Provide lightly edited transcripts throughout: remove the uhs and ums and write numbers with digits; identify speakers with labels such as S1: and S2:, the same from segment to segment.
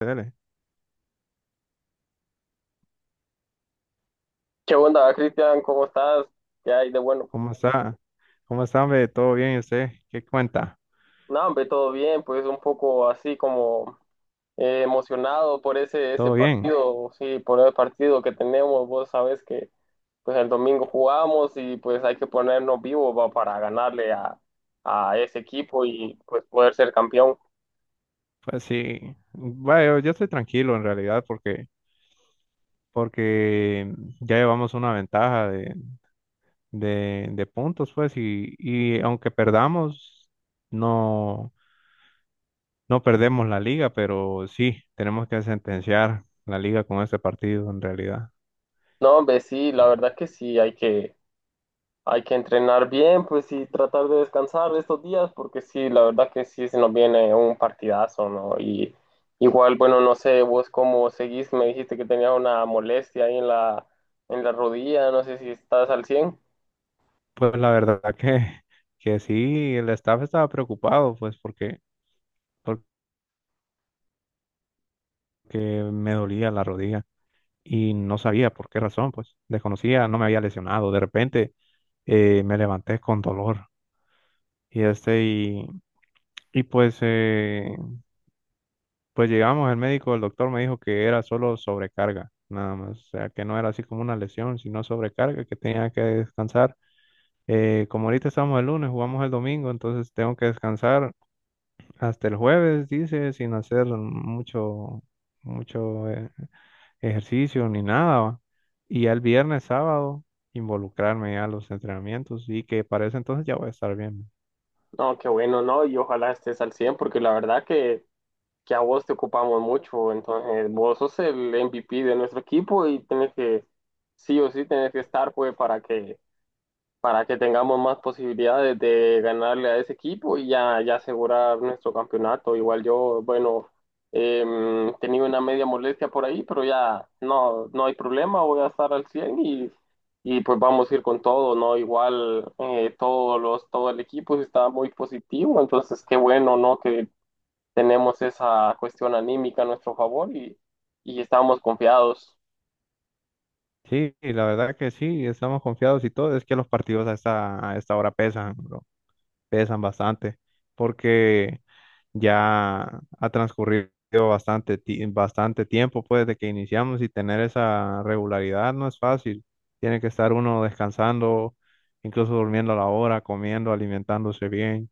S1: Dele.
S2: ¿Qué onda, Cristian? ¿Cómo estás? ¿Qué hay de bueno?
S1: ¿Cómo está? ¿Cómo está, hombre? ¿Todo bien? ¿Y usted? ¿Qué cuenta?
S2: No, hombre, todo bien, pues un poco así como emocionado por ese
S1: ¿Todo bien?
S2: partido, sí, por el partido que tenemos. Vos sabés que pues el domingo jugamos y pues hay que ponernos vivos va, para ganarle a ese equipo y pues poder ser campeón.
S1: Pues sí, bueno, yo estoy tranquilo en realidad porque ya llevamos una ventaja de puntos, pues, y aunque perdamos, no, no perdemos la liga, pero sí, tenemos que sentenciar la liga con este partido en realidad.
S2: No, hombre, sí, la verdad que sí, hay que entrenar bien, pues, y tratar de descansar estos días, porque sí, la verdad que sí se nos viene un partidazo, ¿no? Y igual, bueno, no sé, vos cómo seguís, me dijiste que tenías una molestia ahí en en la rodilla, no sé si estás al 100.
S1: Pues la verdad que sí, el staff estaba preocupado, pues, porque me dolía la rodilla. Y no sabía por qué razón, pues desconocía, no me había lesionado. De repente me levanté con dolor y este y, y pues llegamos al médico, el doctor me dijo que era solo sobrecarga, nada más, o sea que no era así como una lesión, sino sobrecarga, que tenía que descansar. Como ahorita estamos el lunes, jugamos el domingo, entonces tengo que descansar hasta el jueves, dice, sin hacer mucho ejercicio ni nada, ¿va? Y ya el viernes, sábado, involucrarme ya a los entrenamientos y que para ese entonces ya voy a estar bien.
S2: No, qué bueno, ¿no? Y ojalá estés al 100, porque la verdad que a vos te ocupamos mucho, entonces vos sos el MVP de nuestro equipo y tenés que, sí o sí, tenés que estar, pues, para que tengamos más posibilidades de ganarle a ese equipo y ya, ya asegurar nuestro campeonato. Igual yo, bueno, tenía una media molestia por ahí, pero ya no, no hay problema, voy a estar al 100 y pues vamos a ir con todo, ¿no? Igual todos los, todo el equipo está muy positivo, entonces qué bueno, ¿no? Que tenemos esa cuestión anímica a nuestro favor y estamos confiados.
S1: Sí, y la verdad que sí, estamos confiados y todo. Es que los partidos a esta hora pesan, bro, pesan bastante, porque ya ha transcurrido bastante tiempo pues, desde que iniciamos y tener esa regularidad no es fácil. Tiene que estar uno descansando, incluso durmiendo a la hora, comiendo, alimentándose bien.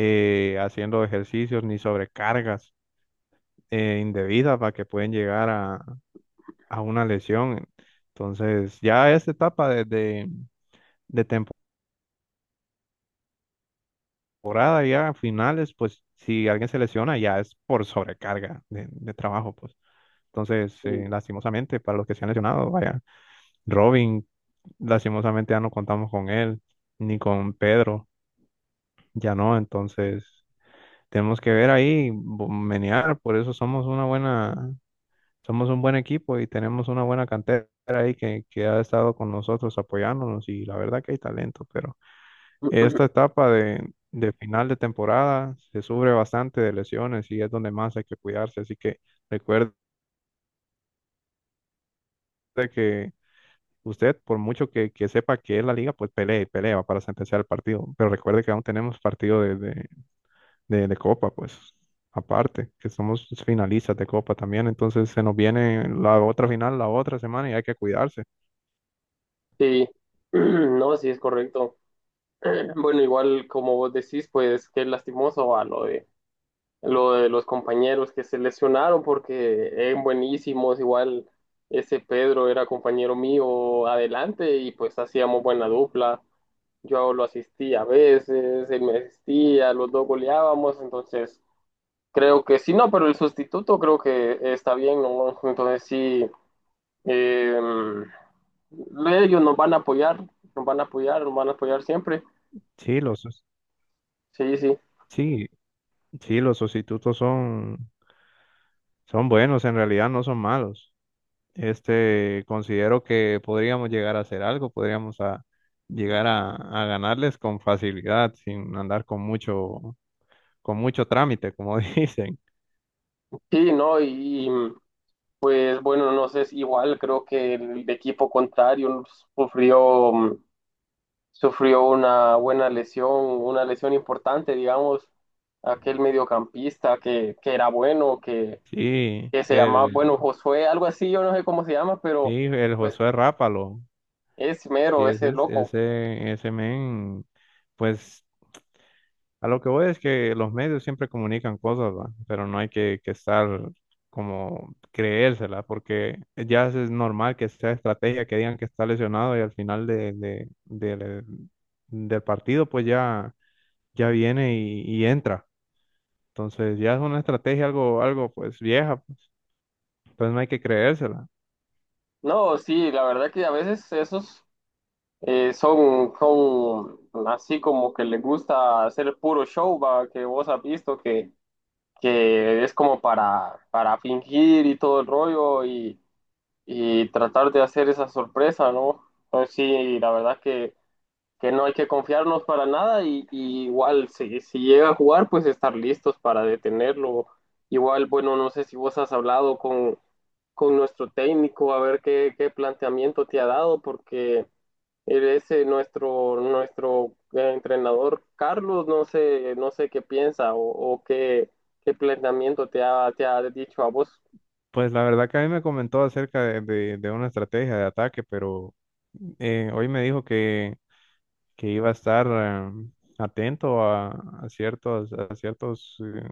S1: Haciendo ejercicios ni sobrecargas indebidas para que pueden llegar a una lesión. Entonces, ya esta etapa de temporada, ya a finales, pues si alguien se lesiona, ya es por sobrecarga de trabajo, pues. Entonces, lastimosamente, para los que se han lesionado, vaya, Robin, lastimosamente ya no contamos con él, ni con Pedro, ya no, entonces tenemos que ver ahí, menear, por eso somos una buena Somos un buen equipo y tenemos una buena cantera ahí que ha estado con nosotros apoyándonos y la verdad que hay talento, pero esta etapa de final de temporada se sufre bastante de lesiones y es donde más hay que cuidarse. Así que recuerde que usted, por mucho que sepa que es la liga, pues pelea y pelea para sentenciar el partido, pero recuerde que aún tenemos partido de Copa, pues aparte, que somos finalistas de Copa también, entonces se nos viene la otra final la otra semana y hay que cuidarse.
S2: Sí, no, sí es correcto. Bueno, igual como vos decís, pues qué lastimoso va lo de los compañeros que se lesionaron porque eran buenísimos, igual ese Pedro era compañero mío adelante y pues hacíamos buena dupla. Yo lo asistía a veces, él me asistía, los dos goleábamos, entonces creo que sí, no, pero el sustituto creo que está bien, ¿no? Entonces sí, em, ellos nos van a apoyar, nos van a apoyar, nos van a apoyar siempre.
S1: Sí, los,
S2: Sí, sí.
S1: sí, sí, los sustitutos son, son buenos, en realidad no son malos. Este, considero que podríamos llegar a hacer algo, llegar a ganarles con facilidad, sin andar con mucho trámite, como dicen.
S2: Sí, no, y mm, es bueno, no sé, es igual creo que el equipo contrario sufrió, mm, sufrió una buena lesión, una lesión importante, digamos, aquel mediocampista que era bueno,
S1: Sí,
S2: que se llamaba,
S1: el,
S2: bueno, Josué, algo así, yo no sé cómo se llama,
S1: sí,
S2: pero
S1: el
S2: pues
S1: Josué Rápalo,
S2: es
S1: sí,
S2: mero, ese
S1: ese,
S2: loco.
S1: ese men, pues a lo que voy es que los medios siempre comunican cosas, ¿va? Pero no hay que estar como creérsela, porque ya es normal que sea estrategia, que digan que está lesionado y al final del del partido pues ya, ya viene y entra. Entonces ya es una estrategia algo, algo pues vieja, pues. Entonces no hay que creérsela.
S2: No, sí, la verdad que a veces esos son, son así como que les gusta hacer puro show, va, que vos has visto que es como para fingir y todo el rollo y tratar de hacer esa sorpresa, ¿no? Entonces sí, la verdad que no hay que confiarnos para nada y, y igual si, si llega a jugar, pues estar listos para detenerlo. Igual, bueno, no sé si vos has hablado con nuestro técnico a ver qué, qué planteamiento te ha dado, porque él es nuestro entrenador Carlos, no sé, no sé qué piensa o qué, qué planteamiento te ha dicho a vos.
S1: Pues la verdad que a mí me comentó acerca de una estrategia de ataque, pero hoy me dijo que iba a estar atento a ciertos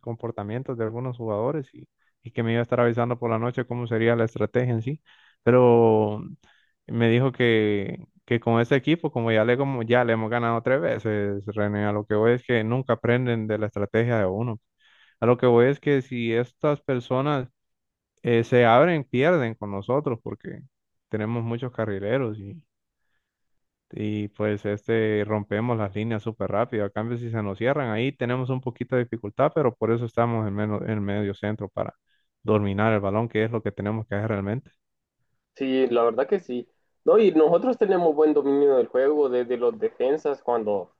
S1: comportamientos de algunos jugadores y que me iba a estar avisando por la noche cómo sería la estrategia en sí. Pero me dijo que con este equipo, como ya le hemos ganado 3 veces, René, a lo que voy es que nunca aprenden de la estrategia de uno. A lo que voy es que si estas personas se abren, pierden con nosotros porque tenemos muchos carrileros y pues este rompemos las líneas súper rápido. A cambio, si se nos cierran, ahí tenemos un poquito de dificultad, pero por eso estamos en, menos, en medio centro para dominar el balón, que es lo que tenemos que hacer realmente.
S2: Sí, la verdad que sí. No, y nosotros tenemos buen dominio del juego desde los defensas cuando,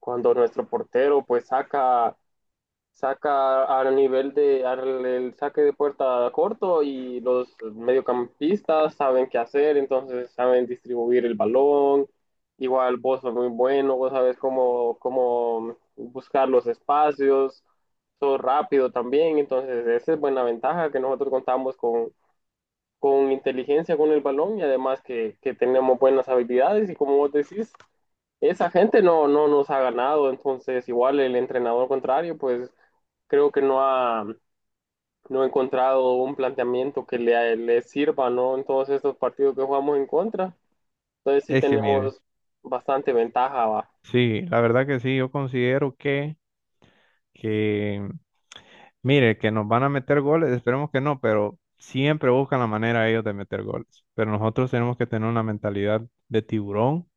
S2: cuando nuestro portero pues saca al nivel de al, el saque de puerta corto y los mediocampistas saben qué hacer, entonces saben distribuir el balón. Igual vos sos muy bueno, vos sabes cómo, cómo buscar los espacios, sos rápido también, entonces esa es buena ventaja que nosotros contamos con inteligencia con el balón y además que tenemos buenas habilidades y como vos decís, esa gente no, no nos ha ganado, entonces igual el entrenador contrario, pues creo que no ha, no ha encontrado un planteamiento que le sirva, ¿no? En todos estos partidos que jugamos en contra. Entonces sí
S1: Es que mire,
S2: tenemos bastante ventaja, va.
S1: sí, la verdad que sí, yo considero que mire, que nos van a meter goles, esperemos que no, pero siempre buscan la manera ellos de meter goles. Pero nosotros tenemos que tener una mentalidad de tiburón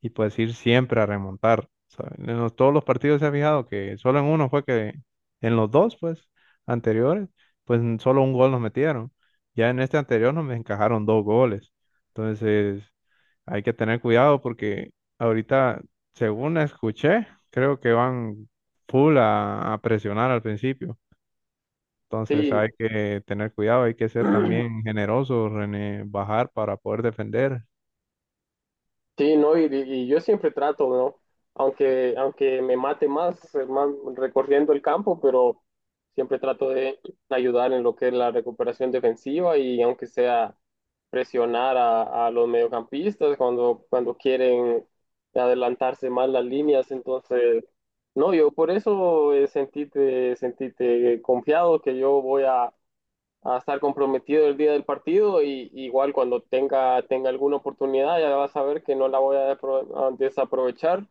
S1: y pues ir siempre a remontar. ¿Sabe? Todos los partidos se ha fijado que solo en uno fue que, en los dos, pues, anteriores, solo un gol nos metieron. Ya en este anterior nos encajaron dos goles. Entonces, hay que tener cuidado porque ahorita, según escuché, creo que van full a presionar al principio. Entonces
S2: Sí,
S1: hay que tener cuidado, hay que ser también generosos en bajar para poder defender.
S2: sí, no, y yo siempre trato, ¿no? Aunque, aunque me mate más, más recorriendo el campo, pero siempre trato de ayudar en lo que es la recuperación defensiva y aunque sea presionar a los mediocampistas cuando, cuando quieren adelantarse más las líneas. Entonces, no, yo por eso sentíte sentite confiado que yo voy a estar comprometido el día del partido y igual cuando tenga, tenga alguna oportunidad ya vas a ver que no la voy a desaprovechar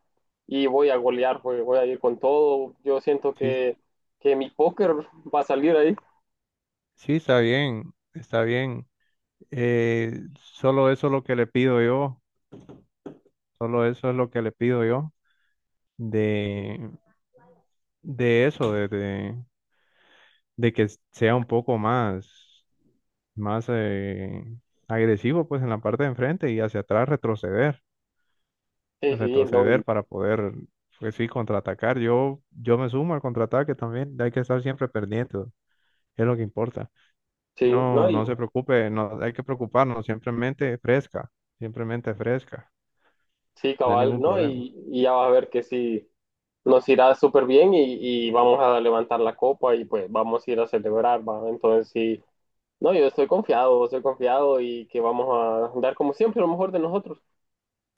S2: y voy a golear, voy a ir con todo. Yo siento
S1: Sí,
S2: que mi póker va a salir ahí.
S1: sí, está bien, está bien. Eh, Solo eso es lo que le pido yo, solo eso es lo que le pido yo de, de eso, de que sea un poco más, más agresivo pues en la parte de enfrente y hacia atrás
S2: Sí, sí, no,
S1: retroceder para poder, pues sí, contraatacar. Yo me sumo al contraataque también, hay que estar siempre pendiente. Es lo que importa.
S2: sí,
S1: No,
S2: no, y
S1: no se preocupe, no hay que preocuparnos. Simplemente fresca,
S2: sí,
S1: no hay
S2: cabal,
S1: ningún
S2: no,
S1: problema.
S2: y ya vas a ver que sí, nos irá súper bien y vamos a levantar la copa y pues vamos a ir a celebrar, ¿va? Entonces sí, no, yo estoy confiado y que vamos a dar como siempre lo mejor de nosotros.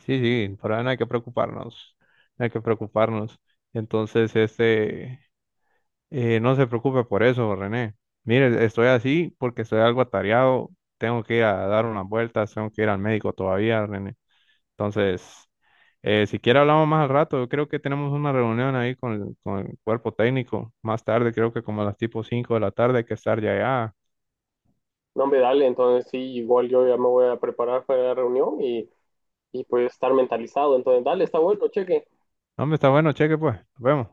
S1: Sí, sí, por ahora no hay que preocuparnos, no hay que preocuparnos. Entonces, este, no se preocupe por eso, René. Mire, estoy así porque estoy algo atareado, tengo que ir a dar unas vueltas, tengo que ir al médico todavía, René. Entonces, si quiere hablamos más al rato. Yo creo que tenemos una reunión ahí con el cuerpo técnico. Más tarde, creo que como a las tipo 5 de la tarde hay que estar ya allá.
S2: No, hombre, dale, entonces sí, igual yo ya me voy a preparar para la reunión y pues estar mentalizado. Entonces, dale, está bueno, cheque.
S1: No, hombre, está bueno, cheque pues. Nos vemos.